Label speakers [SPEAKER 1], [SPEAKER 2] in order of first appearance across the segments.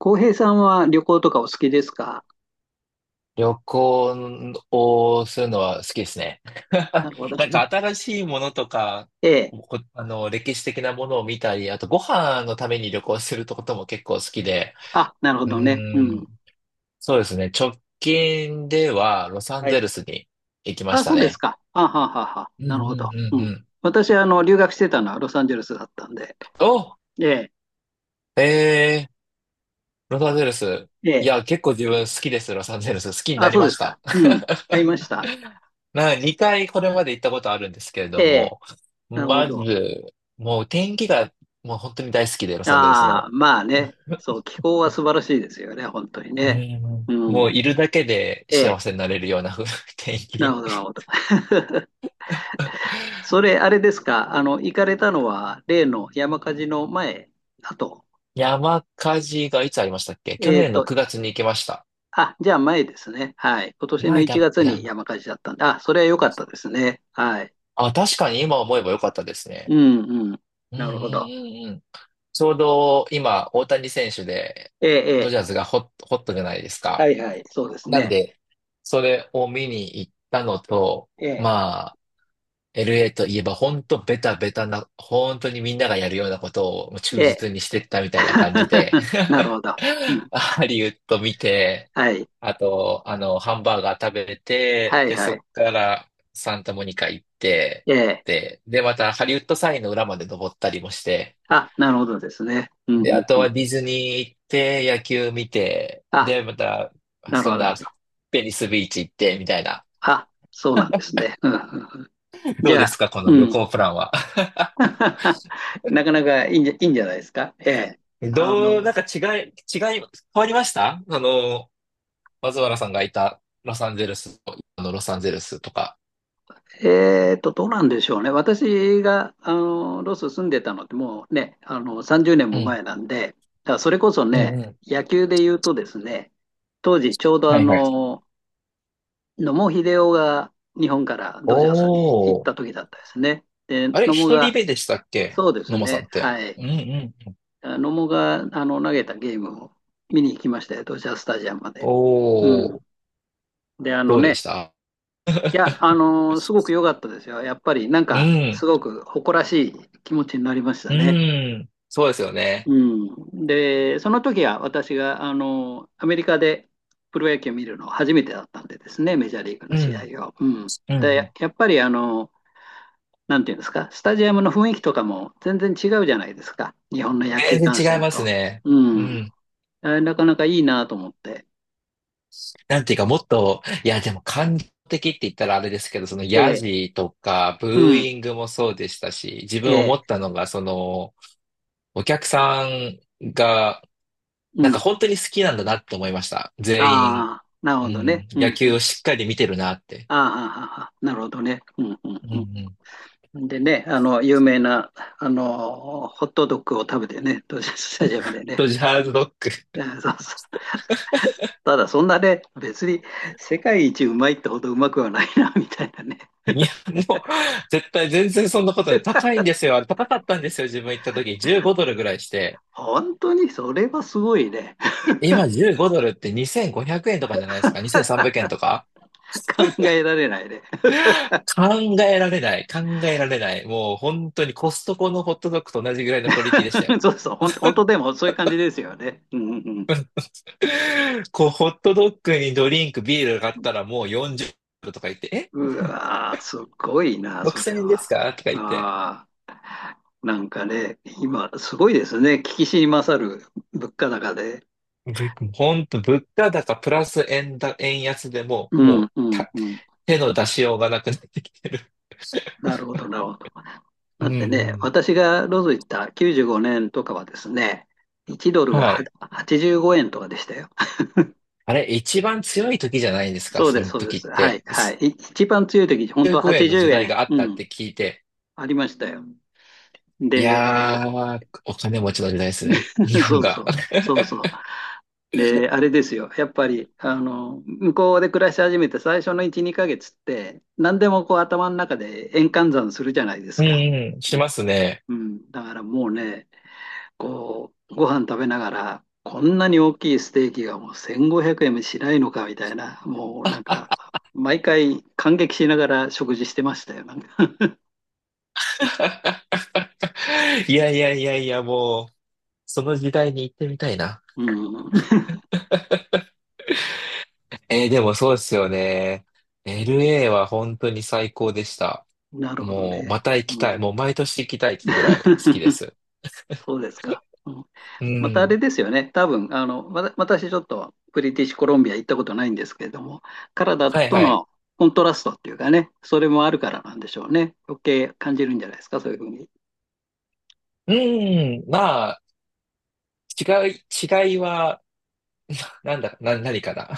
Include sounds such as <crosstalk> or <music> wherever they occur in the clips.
[SPEAKER 1] 浩平さんは旅行とかお好きですか？
[SPEAKER 2] 旅行をするのは好きですね。
[SPEAKER 1] な
[SPEAKER 2] <laughs>
[SPEAKER 1] るほど。
[SPEAKER 2] なんか新しいものとか、
[SPEAKER 1] ええ。
[SPEAKER 2] こあの、歴史的なものを見たり、あとご飯のために旅行することも結構好きで、
[SPEAKER 1] あ、なるほ
[SPEAKER 2] うー
[SPEAKER 1] どね。うん。
[SPEAKER 2] ん、そうですね。直近ではロサン
[SPEAKER 1] は
[SPEAKER 2] ゼ
[SPEAKER 1] い。
[SPEAKER 2] ルスに行きまし
[SPEAKER 1] あ、
[SPEAKER 2] た
[SPEAKER 1] そうです
[SPEAKER 2] ね。
[SPEAKER 1] か。あはははは。
[SPEAKER 2] うんう
[SPEAKER 1] なるほ
[SPEAKER 2] ん
[SPEAKER 1] ど。
[SPEAKER 2] う
[SPEAKER 1] う
[SPEAKER 2] んう
[SPEAKER 1] ん。
[SPEAKER 2] ん。
[SPEAKER 1] 私、留学してたのはロサンゼルスだったんで。
[SPEAKER 2] お、
[SPEAKER 1] ええ。
[SPEAKER 2] えー、ロサンゼルス。
[SPEAKER 1] え
[SPEAKER 2] い
[SPEAKER 1] え。
[SPEAKER 2] や、結構自分好きです、ロサンゼルス。好きにな
[SPEAKER 1] あ、
[SPEAKER 2] り
[SPEAKER 1] そう
[SPEAKER 2] ま
[SPEAKER 1] で
[SPEAKER 2] し
[SPEAKER 1] すか。
[SPEAKER 2] た。
[SPEAKER 1] うん。
[SPEAKER 2] <laughs>
[SPEAKER 1] 買いました。
[SPEAKER 2] 2回これまで行ったことあるんですけれ
[SPEAKER 1] え
[SPEAKER 2] ど
[SPEAKER 1] え。
[SPEAKER 2] も、
[SPEAKER 1] なるほ
[SPEAKER 2] ま
[SPEAKER 1] ど。
[SPEAKER 2] ず、もう天気がもう本当に大好きで、ロサンゼルス
[SPEAKER 1] ああ、
[SPEAKER 2] の。
[SPEAKER 1] まあね。そう、気候は素晴らしいですよね。本当に
[SPEAKER 2] う
[SPEAKER 1] ね。
[SPEAKER 2] ん、
[SPEAKER 1] う
[SPEAKER 2] も
[SPEAKER 1] ん。
[SPEAKER 2] ういるだけで
[SPEAKER 1] え
[SPEAKER 2] 幸
[SPEAKER 1] え。
[SPEAKER 2] せになれるような<laughs> 天
[SPEAKER 1] なる
[SPEAKER 2] 気。
[SPEAKER 1] ほど、なるほど。それ、あれですか。行かれたのは、例の山火事の前だと。
[SPEAKER 2] 山火事がいつありましたっけ？去
[SPEAKER 1] えっ
[SPEAKER 2] 年の
[SPEAKER 1] と、
[SPEAKER 2] 9月に行きました。
[SPEAKER 1] あ、じゃあ前ですね。はい。今年の
[SPEAKER 2] 前
[SPEAKER 1] 1
[SPEAKER 2] だ、
[SPEAKER 1] 月
[SPEAKER 2] 前
[SPEAKER 1] に
[SPEAKER 2] だ。
[SPEAKER 1] 山火事だったんで、あ、それは良かったですね。はい。
[SPEAKER 2] あ、確かに今思えばよかったですね。
[SPEAKER 1] うんうん。
[SPEAKER 2] うんうん
[SPEAKER 1] なるほど。
[SPEAKER 2] うんうん。ちょうど今、大谷選手で、
[SPEAKER 1] ええ、え
[SPEAKER 2] ド
[SPEAKER 1] え。
[SPEAKER 2] ジャーズがホットじゃないです
[SPEAKER 1] は
[SPEAKER 2] か。
[SPEAKER 1] いはい。そうです
[SPEAKER 2] なん
[SPEAKER 1] ね。
[SPEAKER 2] で、それを見に行ったのと、
[SPEAKER 1] ええ、
[SPEAKER 2] まあ、LA といえば本当ベタベタな、本当にみんながやるようなことを忠
[SPEAKER 1] ええ。
[SPEAKER 2] 実にしてったみたいな感じで、
[SPEAKER 1] <laughs> なるほ
[SPEAKER 2] <laughs>
[SPEAKER 1] ど。うん。
[SPEAKER 2] ハリウッド見て、
[SPEAKER 1] はい。
[SPEAKER 2] あと、ハンバーガー食べ
[SPEAKER 1] は
[SPEAKER 2] て、
[SPEAKER 1] い
[SPEAKER 2] で、
[SPEAKER 1] は
[SPEAKER 2] そ
[SPEAKER 1] い。
[SPEAKER 2] っからサンタモニカ行って、
[SPEAKER 1] ええ。
[SPEAKER 2] で、またハリウッドサインの裏まで登ったりもして、
[SPEAKER 1] あ、なるほどですね。うん
[SPEAKER 2] で、
[SPEAKER 1] うん
[SPEAKER 2] あと
[SPEAKER 1] うん。
[SPEAKER 2] はディズニー行って、野球見て、
[SPEAKER 1] あ、
[SPEAKER 2] で、また、
[SPEAKER 1] なる
[SPEAKER 2] そ
[SPEAKER 1] ほど。
[SPEAKER 2] ん
[SPEAKER 1] なる
[SPEAKER 2] な、
[SPEAKER 1] ほど。
[SPEAKER 2] ベニスビーチ行って、みたいな。
[SPEAKER 1] あ、そうなんですね。うんうんうん。
[SPEAKER 2] <laughs> ど
[SPEAKER 1] じ
[SPEAKER 2] う
[SPEAKER 1] ゃ
[SPEAKER 2] です
[SPEAKER 1] あ、
[SPEAKER 2] か、この
[SPEAKER 1] う
[SPEAKER 2] 旅
[SPEAKER 1] ん。
[SPEAKER 2] 行プランは？
[SPEAKER 1] <laughs> なかなかいいんじゃ、いいんじゃないですか。ええ。
[SPEAKER 2] <laughs>
[SPEAKER 1] あ
[SPEAKER 2] どう、なん
[SPEAKER 1] の、
[SPEAKER 2] か違い、違い、変わりました松原さんがいたロサンゼルスと、あのロサンゼルスとか。
[SPEAKER 1] どうなんでしょうね。私が、ロス住んでたのってもうね、30年
[SPEAKER 2] う
[SPEAKER 1] も
[SPEAKER 2] ん、
[SPEAKER 1] 前なんで、だからそれこそ
[SPEAKER 2] うん、
[SPEAKER 1] ね、
[SPEAKER 2] うん。
[SPEAKER 1] 野球で言うとですね、当時ちょうど
[SPEAKER 2] はいはい。
[SPEAKER 1] 野茂英雄が日本からドジャースに行っ
[SPEAKER 2] お
[SPEAKER 1] た
[SPEAKER 2] ー。
[SPEAKER 1] 時だったですね。で、
[SPEAKER 2] あれ、
[SPEAKER 1] 野茂
[SPEAKER 2] 一人
[SPEAKER 1] が、
[SPEAKER 2] 目でしたっけ？
[SPEAKER 1] そうです
[SPEAKER 2] 野間さん
[SPEAKER 1] ね、
[SPEAKER 2] って。
[SPEAKER 1] は
[SPEAKER 2] う
[SPEAKER 1] い。
[SPEAKER 2] んうん。
[SPEAKER 1] あ、野茂が、投げたゲームを見に行きましたよ、ドジャースタジアムまで。う
[SPEAKER 2] お
[SPEAKER 1] ん。
[SPEAKER 2] ー。
[SPEAKER 1] で、あの
[SPEAKER 2] どうで
[SPEAKER 1] ね、
[SPEAKER 2] した？
[SPEAKER 1] いや、すごく良かったですよ。やっぱりなん
[SPEAKER 2] う
[SPEAKER 1] か、
[SPEAKER 2] ん、
[SPEAKER 1] すごく誇らしい気持ちになりました
[SPEAKER 2] う
[SPEAKER 1] ね。
[SPEAKER 2] ん。そうですよね。
[SPEAKER 1] うん。で、その時は私が、アメリカでプロ野球を見るの初めてだったんでですね、メジャーリーグの試合を。うん。
[SPEAKER 2] うん。う
[SPEAKER 1] で、
[SPEAKER 2] ん、
[SPEAKER 1] やっぱり、なんていうんですか、スタジアムの雰囲気とかも全然違うじゃないですか。日本の野球
[SPEAKER 2] 全
[SPEAKER 1] 観
[SPEAKER 2] 然違い
[SPEAKER 1] 戦
[SPEAKER 2] ます
[SPEAKER 1] と。
[SPEAKER 2] ね。
[SPEAKER 1] う
[SPEAKER 2] う
[SPEAKER 1] ん。
[SPEAKER 2] ん。
[SPEAKER 1] あ、なかなかいいなと思って。
[SPEAKER 2] なんていうか、もっと、いや、でも感情的って言ったらあれですけど、その
[SPEAKER 1] え
[SPEAKER 2] ヤ
[SPEAKER 1] え。
[SPEAKER 2] ジとか、ブ
[SPEAKER 1] う
[SPEAKER 2] ー
[SPEAKER 1] ん。
[SPEAKER 2] イングもそうでしたし、自
[SPEAKER 1] え
[SPEAKER 2] 分思っ
[SPEAKER 1] え。
[SPEAKER 2] たのが、お客さんが、
[SPEAKER 1] う
[SPEAKER 2] なんか
[SPEAKER 1] ん。
[SPEAKER 2] 本当に好きなんだなって思いました。
[SPEAKER 1] あ
[SPEAKER 2] 全員、
[SPEAKER 1] あ、なる
[SPEAKER 2] う
[SPEAKER 1] ほどね。
[SPEAKER 2] ん、
[SPEAKER 1] う
[SPEAKER 2] 野
[SPEAKER 1] ん。う
[SPEAKER 2] 球を
[SPEAKER 1] ん。
[SPEAKER 2] しっかり見てるなって。
[SPEAKER 1] ああ、ああああ、なるほどね。うんう
[SPEAKER 2] うん
[SPEAKER 1] ん
[SPEAKER 2] うん。
[SPEAKER 1] うん。でね、有名な、ホットドッグを食べてね、ドジャーススタジアムでね。
[SPEAKER 2] ドジャーズドッグ。
[SPEAKER 1] うん、そうそう。ただ、そんなね、別に世界一うまいってほどうまくはないな、<laughs> みたいなね。
[SPEAKER 2] <laughs> いや、もう、絶対全然そんなことない。高いんですよ。あれ高かったんですよ。自分行った時、15ドルぐらいして。
[SPEAKER 1] 本当に、それはすごいね。
[SPEAKER 2] 今15ドルって2500円とかじゃないですか？ 2300 円とか。
[SPEAKER 1] <laughs> 考えられないね。
[SPEAKER 2] 考えられない。考えられない。もう本当にコストコのホットドッグと同じぐらいのクオリティでした
[SPEAKER 1] <laughs>
[SPEAKER 2] よ。
[SPEAKER 1] そうそう、本当でもそういう感じですよね。うんうん
[SPEAKER 2] <laughs> こう、ホットドッグにドリンク、ビールがあっ
[SPEAKER 1] うん。
[SPEAKER 2] たらもう40ドルとか言って、え？
[SPEAKER 1] うわー、すごいな、それ
[SPEAKER 2] 6000 円です
[SPEAKER 1] は。
[SPEAKER 2] かとか言って。
[SPEAKER 1] ああ。なんかね、今、すごいですね。聞きしに勝る物価高で。
[SPEAKER 2] 本当、物価高プラス円安でも
[SPEAKER 1] う
[SPEAKER 2] う、も
[SPEAKER 1] ん、
[SPEAKER 2] う
[SPEAKER 1] うん、
[SPEAKER 2] た、
[SPEAKER 1] うん。
[SPEAKER 2] 手の出しようがなくなってきてる。
[SPEAKER 1] なるほど、なるほど。
[SPEAKER 2] う
[SPEAKER 1] だ
[SPEAKER 2] んう
[SPEAKER 1] ってね、
[SPEAKER 2] ん。
[SPEAKER 1] 私がロス行った95年とかはですね、1ドルが
[SPEAKER 2] は
[SPEAKER 1] は
[SPEAKER 2] い。
[SPEAKER 1] 85円とかでしたよ。<laughs>
[SPEAKER 2] あれ、一番強い時じゃないですか、
[SPEAKER 1] そう
[SPEAKER 2] そ
[SPEAKER 1] です、
[SPEAKER 2] の
[SPEAKER 1] そうで
[SPEAKER 2] 時っ
[SPEAKER 1] す。はい、
[SPEAKER 2] て。
[SPEAKER 1] はい。一番強い時、本
[SPEAKER 2] 15
[SPEAKER 1] 当は
[SPEAKER 2] 円の
[SPEAKER 1] 80
[SPEAKER 2] 時代
[SPEAKER 1] 円、
[SPEAKER 2] があっ
[SPEAKER 1] う
[SPEAKER 2] たっ
[SPEAKER 1] ん、
[SPEAKER 2] て聞いて、
[SPEAKER 1] ありましたよ。
[SPEAKER 2] い
[SPEAKER 1] で、
[SPEAKER 2] やー、お金持ちの時代ですね。<laughs> 日
[SPEAKER 1] <laughs>
[SPEAKER 2] 本
[SPEAKER 1] そう
[SPEAKER 2] が。
[SPEAKER 1] そう、
[SPEAKER 2] <laughs>
[SPEAKER 1] そうそう。で、あれですよ。やっぱり、向こうで暮らし始めて最初の1、2ヶ月って、何でもこう頭の中で円換算するじゃないです
[SPEAKER 2] うん
[SPEAKER 1] か。
[SPEAKER 2] うん、
[SPEAKER 1] う
[SPEAKER 2] し
[SPEAKER 1] ん
[SPEAKER 2] ますね。
[SPEAKER 1] うん。だからもうね、こう、ご飯食べながら、こんなに大きいステーキがもう1500円もしないのかみたいな、もうなんか、毎回感激しながら食事してましたよ。なんか。 <laughs>
[SPEAKER 2] <laughs> いやいやいやいや、もう、その時代に行ってみたいな。
[SPEAKER 1] うん。
[SPEAKER 2] でもそうですよね。LA は本当に最高でした。
[SPEAKER 1] <laughs> なるほど
[SPEAKER 2] もう、
[SPEAKER 1] ね。
[SPEAKER 2] また行きた
[SPEAKER 1] う
[SPEAKER 2] い。
[SPEAKER 1] ん。
[SPEAKER 2] もう毎年行きたいってぐらい好きで
[SPEAKER 1] <laughs>
[SPEAKER 2] す。
[SPEAKER 1] そうですか。うん。
[SPEAKER 2] う
[SPEAKER 1] またあ
[SPEAKER 2] ん。
[SPEAKER 1] れですよね。多分、私ちょっとブリティッシュコロンビア行ったことないんですけれども、カナダ
[SPEAKER 2] はい
[SPEAKER 1] と
[SPEAKER 2] はい。
[SPEAKER 1] のコントラストっていうかね、それもあるからなんでしょうね。余計感じるんじゃないですか、そういうふうに。
[SPEAKER 2] うん。まあ、違いはなんだ、な、何かな。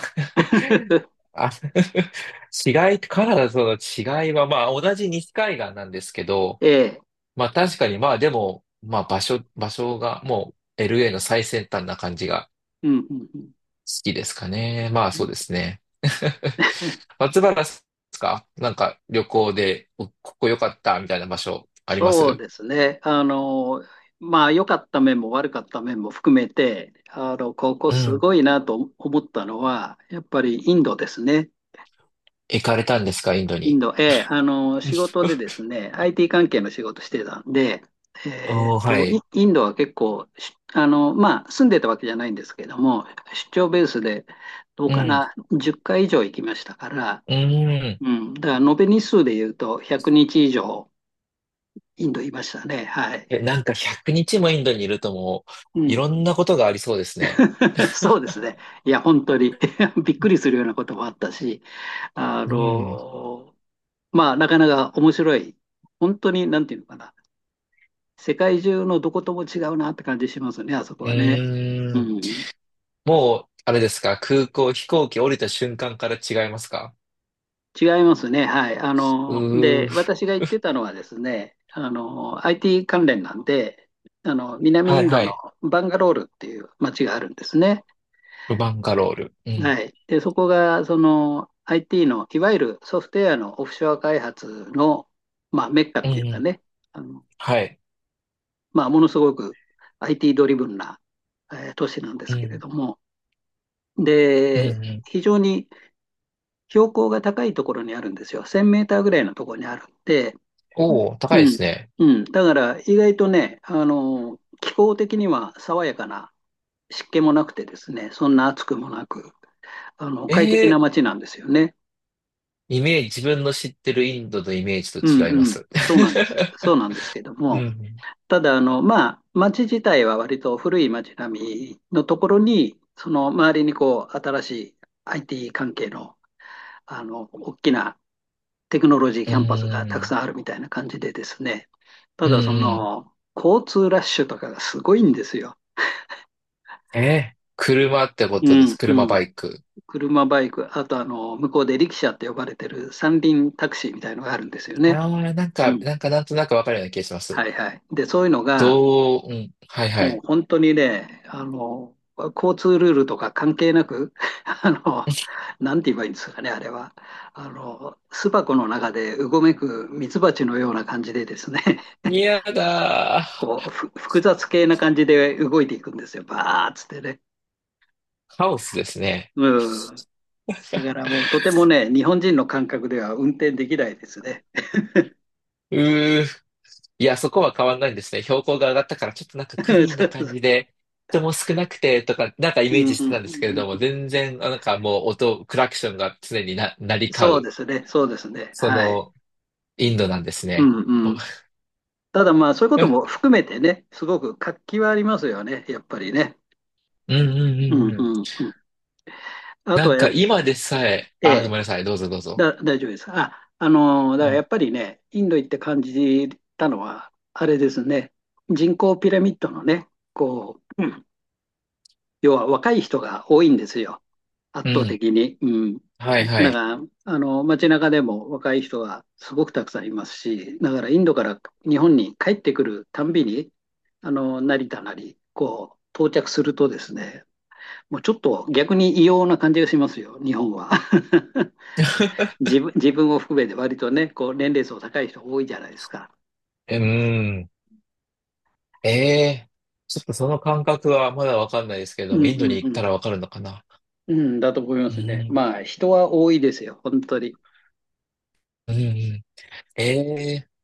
[SPEAKER 2] <laughs>
[SPEAKER 1] <laughs>
[SPEAKER 2] あ、<laughs> 違い、カナダとの違いは、まあ、同じ西海岸なんですけど、
[SPEAKER 1] ええ。
[SPEAKER 2] まあ、確かに、まあ、でも、まあ、場所が、もう、LA の最先端な感じが
[SPEAKER 1] うんうんう
[SPEAKER 2] 好きですかね。まあ、そうで
[SPEAKER 1] ん。
[SPEAKER 2] すね。<laughs> 松原さんですか？なんか、旅行で、ここ良かった、みたいな場所、ありま
[SPEAKER 1] そう
[SPEAKER 2] す？
[SPEAKER 1] ですね。まあ、良かった面も悪かった面も含めて、ここ
[SPEAKER 2] う
[SPEAKER 1] す
[SPEAKER 2] ん。
[SPEAKER 1] ごいなと思ったのは、やっぱりインドですね。
[SPEAKER 2] 行かれたんですか？インド
[SPEAKER 1] イン
[SPEAKER 2] に。
[SPEAKER 1] ド、ええ、仕
[SPEAKER 2] <laughs>
[SPEAKER 1] 事でですね、IT 関係の仕事してたんで、
[SPEAKER 2] おー、はい。
[SPEAKER 1] インドは結構、しあの、まあ、住んでたわけじゃないんですけども、出張ベースで、どう
[SPEAKER 2] う
[SPEAKER 1] か
[SPEAKER 2] ん。
[SPEAKER 1] な、10回以上行きましたから、
[SPEAKER 2] うん。
[SPEAKER 1] うん、だから延べ日数で言うと、100日以上、インドいましたね、はい。
[SPEAKER 2] え、なんか100日もインドにいるともう、
[SPEAKER 1] う
[SPEAKER 2] い
[SPEAKER 1] ん。
[SPEAKER 2] ろんなことがありそうですね。
[SPEAKER 1] <laughs> そうですね。いや、本当に <laughs> びっくりするようなこともあったし、あ
[SPEAKER 2] うん。
[SPEAKER 1] の、まあ、なかなか面白い、本当に、なんていうのかな、世界中のどことも違うなって感じしますね、あそこ
[SPEAKER 2] う
[SPEAKER 1] はね。
[SPEAKER 2] ー
[SPEAKER 1] う
[SPEAKER 2] ん。
[SPEAKER 1] ん、
[SPEAKER 2] もう、あれですか、空港、飛行機降りた瞬間から違いますか？
[SPEAKER 1] 違いますね。はい。
[SPEAKER 2] う
[SPEAKER 1] で、
[SPEAKER 2] ー。
[SPEAKER 1] 私が言ってたのはですね、IT 関連なんで、南
[SPEAKER 2] は
[SPEAKER 1] イ
[SPEAKER 2] い
[SPEAKER 1] ンド
[SPEAKER 2] は
[SPEAKER 1] の
[SPEAKER 2] い。
[SPEAKER 1] バンガロールっていう街があるんですね。
[SPEAKER 2] バンガロール。うん。
[SPEAKER 1] はい。で、そこが、その、IT の、いわゆるソフトウェアのオフショア開発の、まあ、メッカっ
[SPEAKER 2] うんう
[SPEAKER 1] ていうか
[SPEAKER 2] ん。
[SPEAKER 1] ね、あの、
[SPEAKER 2] はい。
[SPEAKER 1] まあ、ものすごく IT ドリブンな、都市なんで
[SPEAKER 2] う
[SPEAKER 1] すけれ
[SPEAKER 2] ん。
[SPEAKER 1] ども、
[SPEAKER 2] うん
[SPEAKER 1] で、
[SPEAKER 2] うん。
[SPEAKER 1] 非常に標高が高いところにあるんですよ。1000メーターぐらいのところにあるんで、
[SPEAKER 2] おー、高いで
[SPEAKER 1] うん、
[SPEAKER 2] すね。
[SPEAKER 1] うん。だから意外とね、気候的には爽やかな湿気もなくてですね、そんな暑くもなく、
[SPEAKER 2] え
[SPEAKER 1] 快適な
[SPEAKER 2] ー、
[SPEAKER 1] 街なんですよね。
[SPEAKER 2] イメージ、自分の知ってるインドのイメージ
[SPEAKER 1] う
[SPEAKER 2] と違いま
[SPEAKER 1] んうん。
[SPEAKER 2] す。
[SPEAKER 1] そうなんです。そうなんですけど
[SPEAKER 2] <laughs> う
[SPEAKER 1] も、
[SPEAKER 2] ん。
[SPEAKER 1] ただ、まあ、街自体は割と古い街並みのところに、その周りにこう、新しい IT 関係の、大きなテクノロジー
[SPEAKER 2] う
[SPEAKER 1] キャンパスがたく
[SPEAKER 2] ん。
[SPEAKER 1] さんあるみたいな感じでですね、た
[SPEAKER 2] うん
[SPEAKER 1] だそ
[SPEAKER 2] うん。
[SPEAKER 1] の、交通ラッシュとかがすごいんですよ。
[SPEAKER 2] 車ってこ
[SPEAKER 1] う
[SPEAKER 2] とです。
[SPEAKER 1] ん
[SPEAKER 2] 車
[SPEAKER 1] うん。
[SPEAKER 2] バイク。
[SPEAKER 1] 車、バイク、あと、向こうでリキシャって呼ばれてる三輪タクシーみたいのがあるんですよ
[SPEAKER 2] あ
[SPEAKER 1] ね。
[SPEAKER 2] あ、なん
[SPEAKER 1] う
[SPEAKER 2] か、
[SPEAKER 1] ん。
[SPEAKER 2] なんかなんとなくわかるような気がします。
[SPEAKER 1] はいはい。で、そういうのが、
[SPEAKER 2] どう、うん、はいは
[SPEAKER 1] もう
[SPEAKER 2] い。
[SPEAKER 1] 本当にね、交通ルールとか関係なく、<laughs> あの、なんて言えばいいんですかね、あれは。巣箱の中でうごめくミツバチのような感じでですね、
[SPEAKER 2] 嫌だ
[SPEAKER 1] こう、複雑系な感じで動いていくんですよ。バーっつってね。
[SPEAKER 2] ー。カオスですね。
[SPEAKER 1] うん。だからもうとてもね、日本人の感覚では運転できないですね。
[SPEAKER 2] うー。いや、そこは変わんないんですね。標高が上がったから、ちょっとなんか
[SPEAKER 1] <laughs>
[SPEAKER 2] ク
[SPEAKER 1] そ
[SPEAKER 2] リーンな
[SPEAKER 1] うそ
[SPEAKER 2] 感
[SPEAKER 1] う。
[SPEAKER 2] じで、人も少なくてとか、なんかイ
[SPEAKER 1] う
[SPEAKER 2] メー
[SPEAKER 1] んうん
[SPEAKER 2] ジしてたんですけれ
[SPEAKER 1] う
[SPEAKER 2] ど
[SPEAKER 1] んう
[SPEAKER 2] も、
[SPEAKER 1] ん。
[SPEAKER 2] 全然、あ、なんかもう音、クラクションが常に鳴り
[SPEAKER 1] そ
[SPEAKER 2] 交
[SPEAKER 1] うで
[SPEAKER 2] う、
[SPEAKER 1] すね、そうですね。
[SPEAKER 2] そ
[SPEAKER 1] はい。
[SPEAKER 2] の、インドなんです
[SPEAKER 1] う
[SPEAKER 2] ね。
[SPEAKER 1] ん
[SPEAKER 2] <laughs>
[SPEAKER 1] う
[SPEAKER 2] う
[SPEAKER 1] ん。ただまあ、そういうこと
[SPEAKER 2] ん
[SPEAKER 1] も含めてね、すごく活気はありますよね、やっぱりね。
[SPEAKER 2] うんう
[SPEAKER 1] う
[SPEAKER 2] ん
[SPEAKER 1] ん
[SPEAKER 2] う
[SPEAKER 1] う
[SPEAKER 2] ん。
[SPEAKER 1] んうん。あと
[SPEAKER 2] なん
[SPEAKER 1] はや
[SPEAKER 2] か
[SPEAKER 1] っ、
[SPEAKER 2] 今でさえ、
[SPEAKER 1] え
[SPEAKER 2] あー、ご
[SPEAKER 1] え、
[SPEAKER 2] めんなさい。どうぞどうぞ。
[SPEAKER 1] 大丈夫です。あ、
[SPEAKER 2] う
[SPEAKER 1] だからや
[SPEAKER 2] ん。
[SPEAKER 1] っぱりね、インド行って感じたのは、あれですね、人口ピラミッドのね、こう、要は若い人が多いんですよ、圧
[SPEAKER 2] う
[SPEAKER 1] 倒
[SPEAKER 2] ん。
[SPEAKER 1] 的に。うん、
[SPEAKER 2] はいは
[SPEAKER 1] だ
[SPEAKER 2] い。
[SPEAKER 1] から、街中でも若い人がすごくたくさんいますし、だからインドから日本に帰ってくるたんびに、成田なり、こう、到着するとですね、もうちょっと逆に異様な感じがしますよ、日本は。<laughs>
[SPEAKER 2] <laughs>
[SPEAKER 1] 自分を含めて割とね、こう、年齢層高い人多いじゃないですか。
[SPEAKER 2] うーん。ええーちょっとその感覚はまだわかんないですけれ
[SPEAKER 1] う
[SPEAKER 2] ど
[SPEAKER 1] ん
[SPEAKER 2] も、イン
[SPEAKER 1] う
[SPEAKER 2] ドに
[SPEAKER 1] ん
[SPEAKER 2] 行
[SPEAKER 1] う
[SPEAKER 2] った
[SPEAKER 1] ん。
[SPEAKER 2] らわかるのかな。
[SPEAKER 1] うん、だと思いま
[SPEAKER 2] う
[SPEAKER 1] すね。
[SPEAKER 2] ん、
[SPEAKER 1] まあ、人は多いですよ、本当に。
[SPEAKER 2] うん、うん。ええー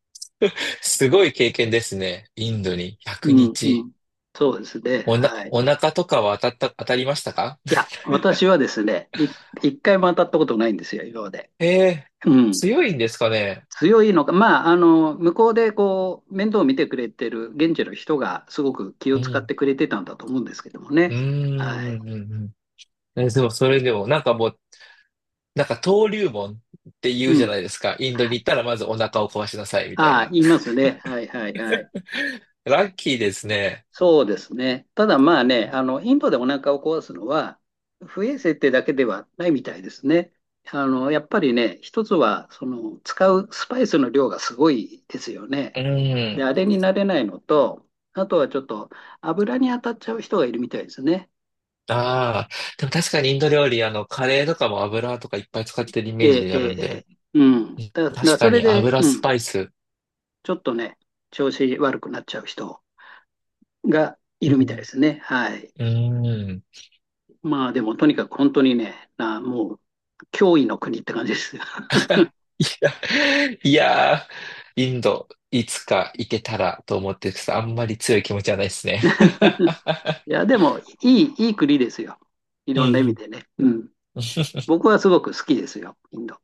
[SPEAKER 2] すごい経験ですね。インドに100
[SPEAKER 1] うんう
[SPEAKER 2] 日。
[SPEAKER 1] ん。そうですね。はい。
[SPEAKER 2] お腹とかは当たった、当たりましたか？
[SPEAKER 1] いや、私はですね、一回も当たったことないんですよ、今まで。
[SPEAKER 2] ええー
[SPEAKER 1] うん。
[SPEAKER 2] 強いんですかね。
[SPEAKER 1] 強いのか、まあ、向こうでこう、面倒を見てくれてる現地の人がすごく気
[SPEAKER 2] う
[SPEAKER 1] を使っ
[SPEAKER 2] ん。
[SPEAKER 1] てくれてたんだと思うんですけども
[SPEAKER 2] うー
[SPEAKER 1] ね。
[SPEAKER 2] ん、
[SPEAKER 1] はい。
[SPEAKER 2] うん、うんうん。でも、それでも、なんかもう、なんか登竜門って言
[SPEAKER 1] う
[SPEAKER 2] うじゃ
[SPEAKER 1] ん。
[SPEAKER 2] ないですか。インドに行ったらまずお腹を壊しなさい、みたい
[SPEAKER 1] ああ、
[SPEAKER 2] な。
[SPEAKER 1] 言いますね。はいはいはい。
[SPEAKER 2] <laughs> ラッキーですね。
[SPEAKER 1] そうですね。ただまあね、インドでお腹を壊すのは、不衛生ってだけではないみたいですね。やっぱりね、一つは、その、使うスパイスの量がすごいですよね。
[SPEAKER 2] う
[SPEAKER 1] で、
[SPEAKER 2] ん。
[SPEAKER 1] あれになれないのと、あとはちょっと油に当たっちゃう人がいるみたいですね。
[SPEAKER 2] ああ、でも確かにインド料理、あの、カレーとかも油とかいっぱい使ってるイメー
[SPEAKER 1] ええ、
[SPEAKER 2] ジ
[SPEAKER 1] え
[SPEAKER 2] ある
[SPEAKER 1] え、
[SPEAKER 2] ん
[SPEAKER 1] ええ、
[SPEAKER 2] で、
[SPEAKER 1] うん。
[SPEAKER 2] うん、確
[SPEAKER 1] そ
[SPEAKER 2] か
[SPEAKER 1] れ
[SPEAKER 2] に
[SPEAKER 1] で、
[SPEAKER 2] 油
[SPEAKER 1] う
[SPEAKER 2] ス
[SPEAKER 1] ん、
[SPEAKER 2] パイス。
[SPEAKER 1] ちょっとね、調子悪くなっちゃう人がい
[SPEAKER 2] う
[SPEAKER 1] るみたいで
[SPEAKER 2] ん。
[SPEAKER 1] すね。はい。
[SPEAKER 2] うん。うん
[SPEAKER 1] まあでも、とにかく本当にね、もう、脅威の国って感じですよね。
[SPEAKER 2] <laughs> いやー、インド、いつか行けたらと思ってるんですけど、あんまり強い気持ちはないですね。
[SPEAKER 1] <laughs> い
[SPEAKER 2] <laughs>
[SPEAKER 1] や、でも、いい国ですよ。い
[SPEAKER 2] うん
[SPEAKER 1] ろ
[SPEAKER 2] う
[SPEAKER 1] んな意味
[SPEAKER 2] ん。
[SPEAKER 1] でね。うん。
[SPEAKER 2] <laughs>
[SPEAKER 1] 僕はすごく好きですよ、インド。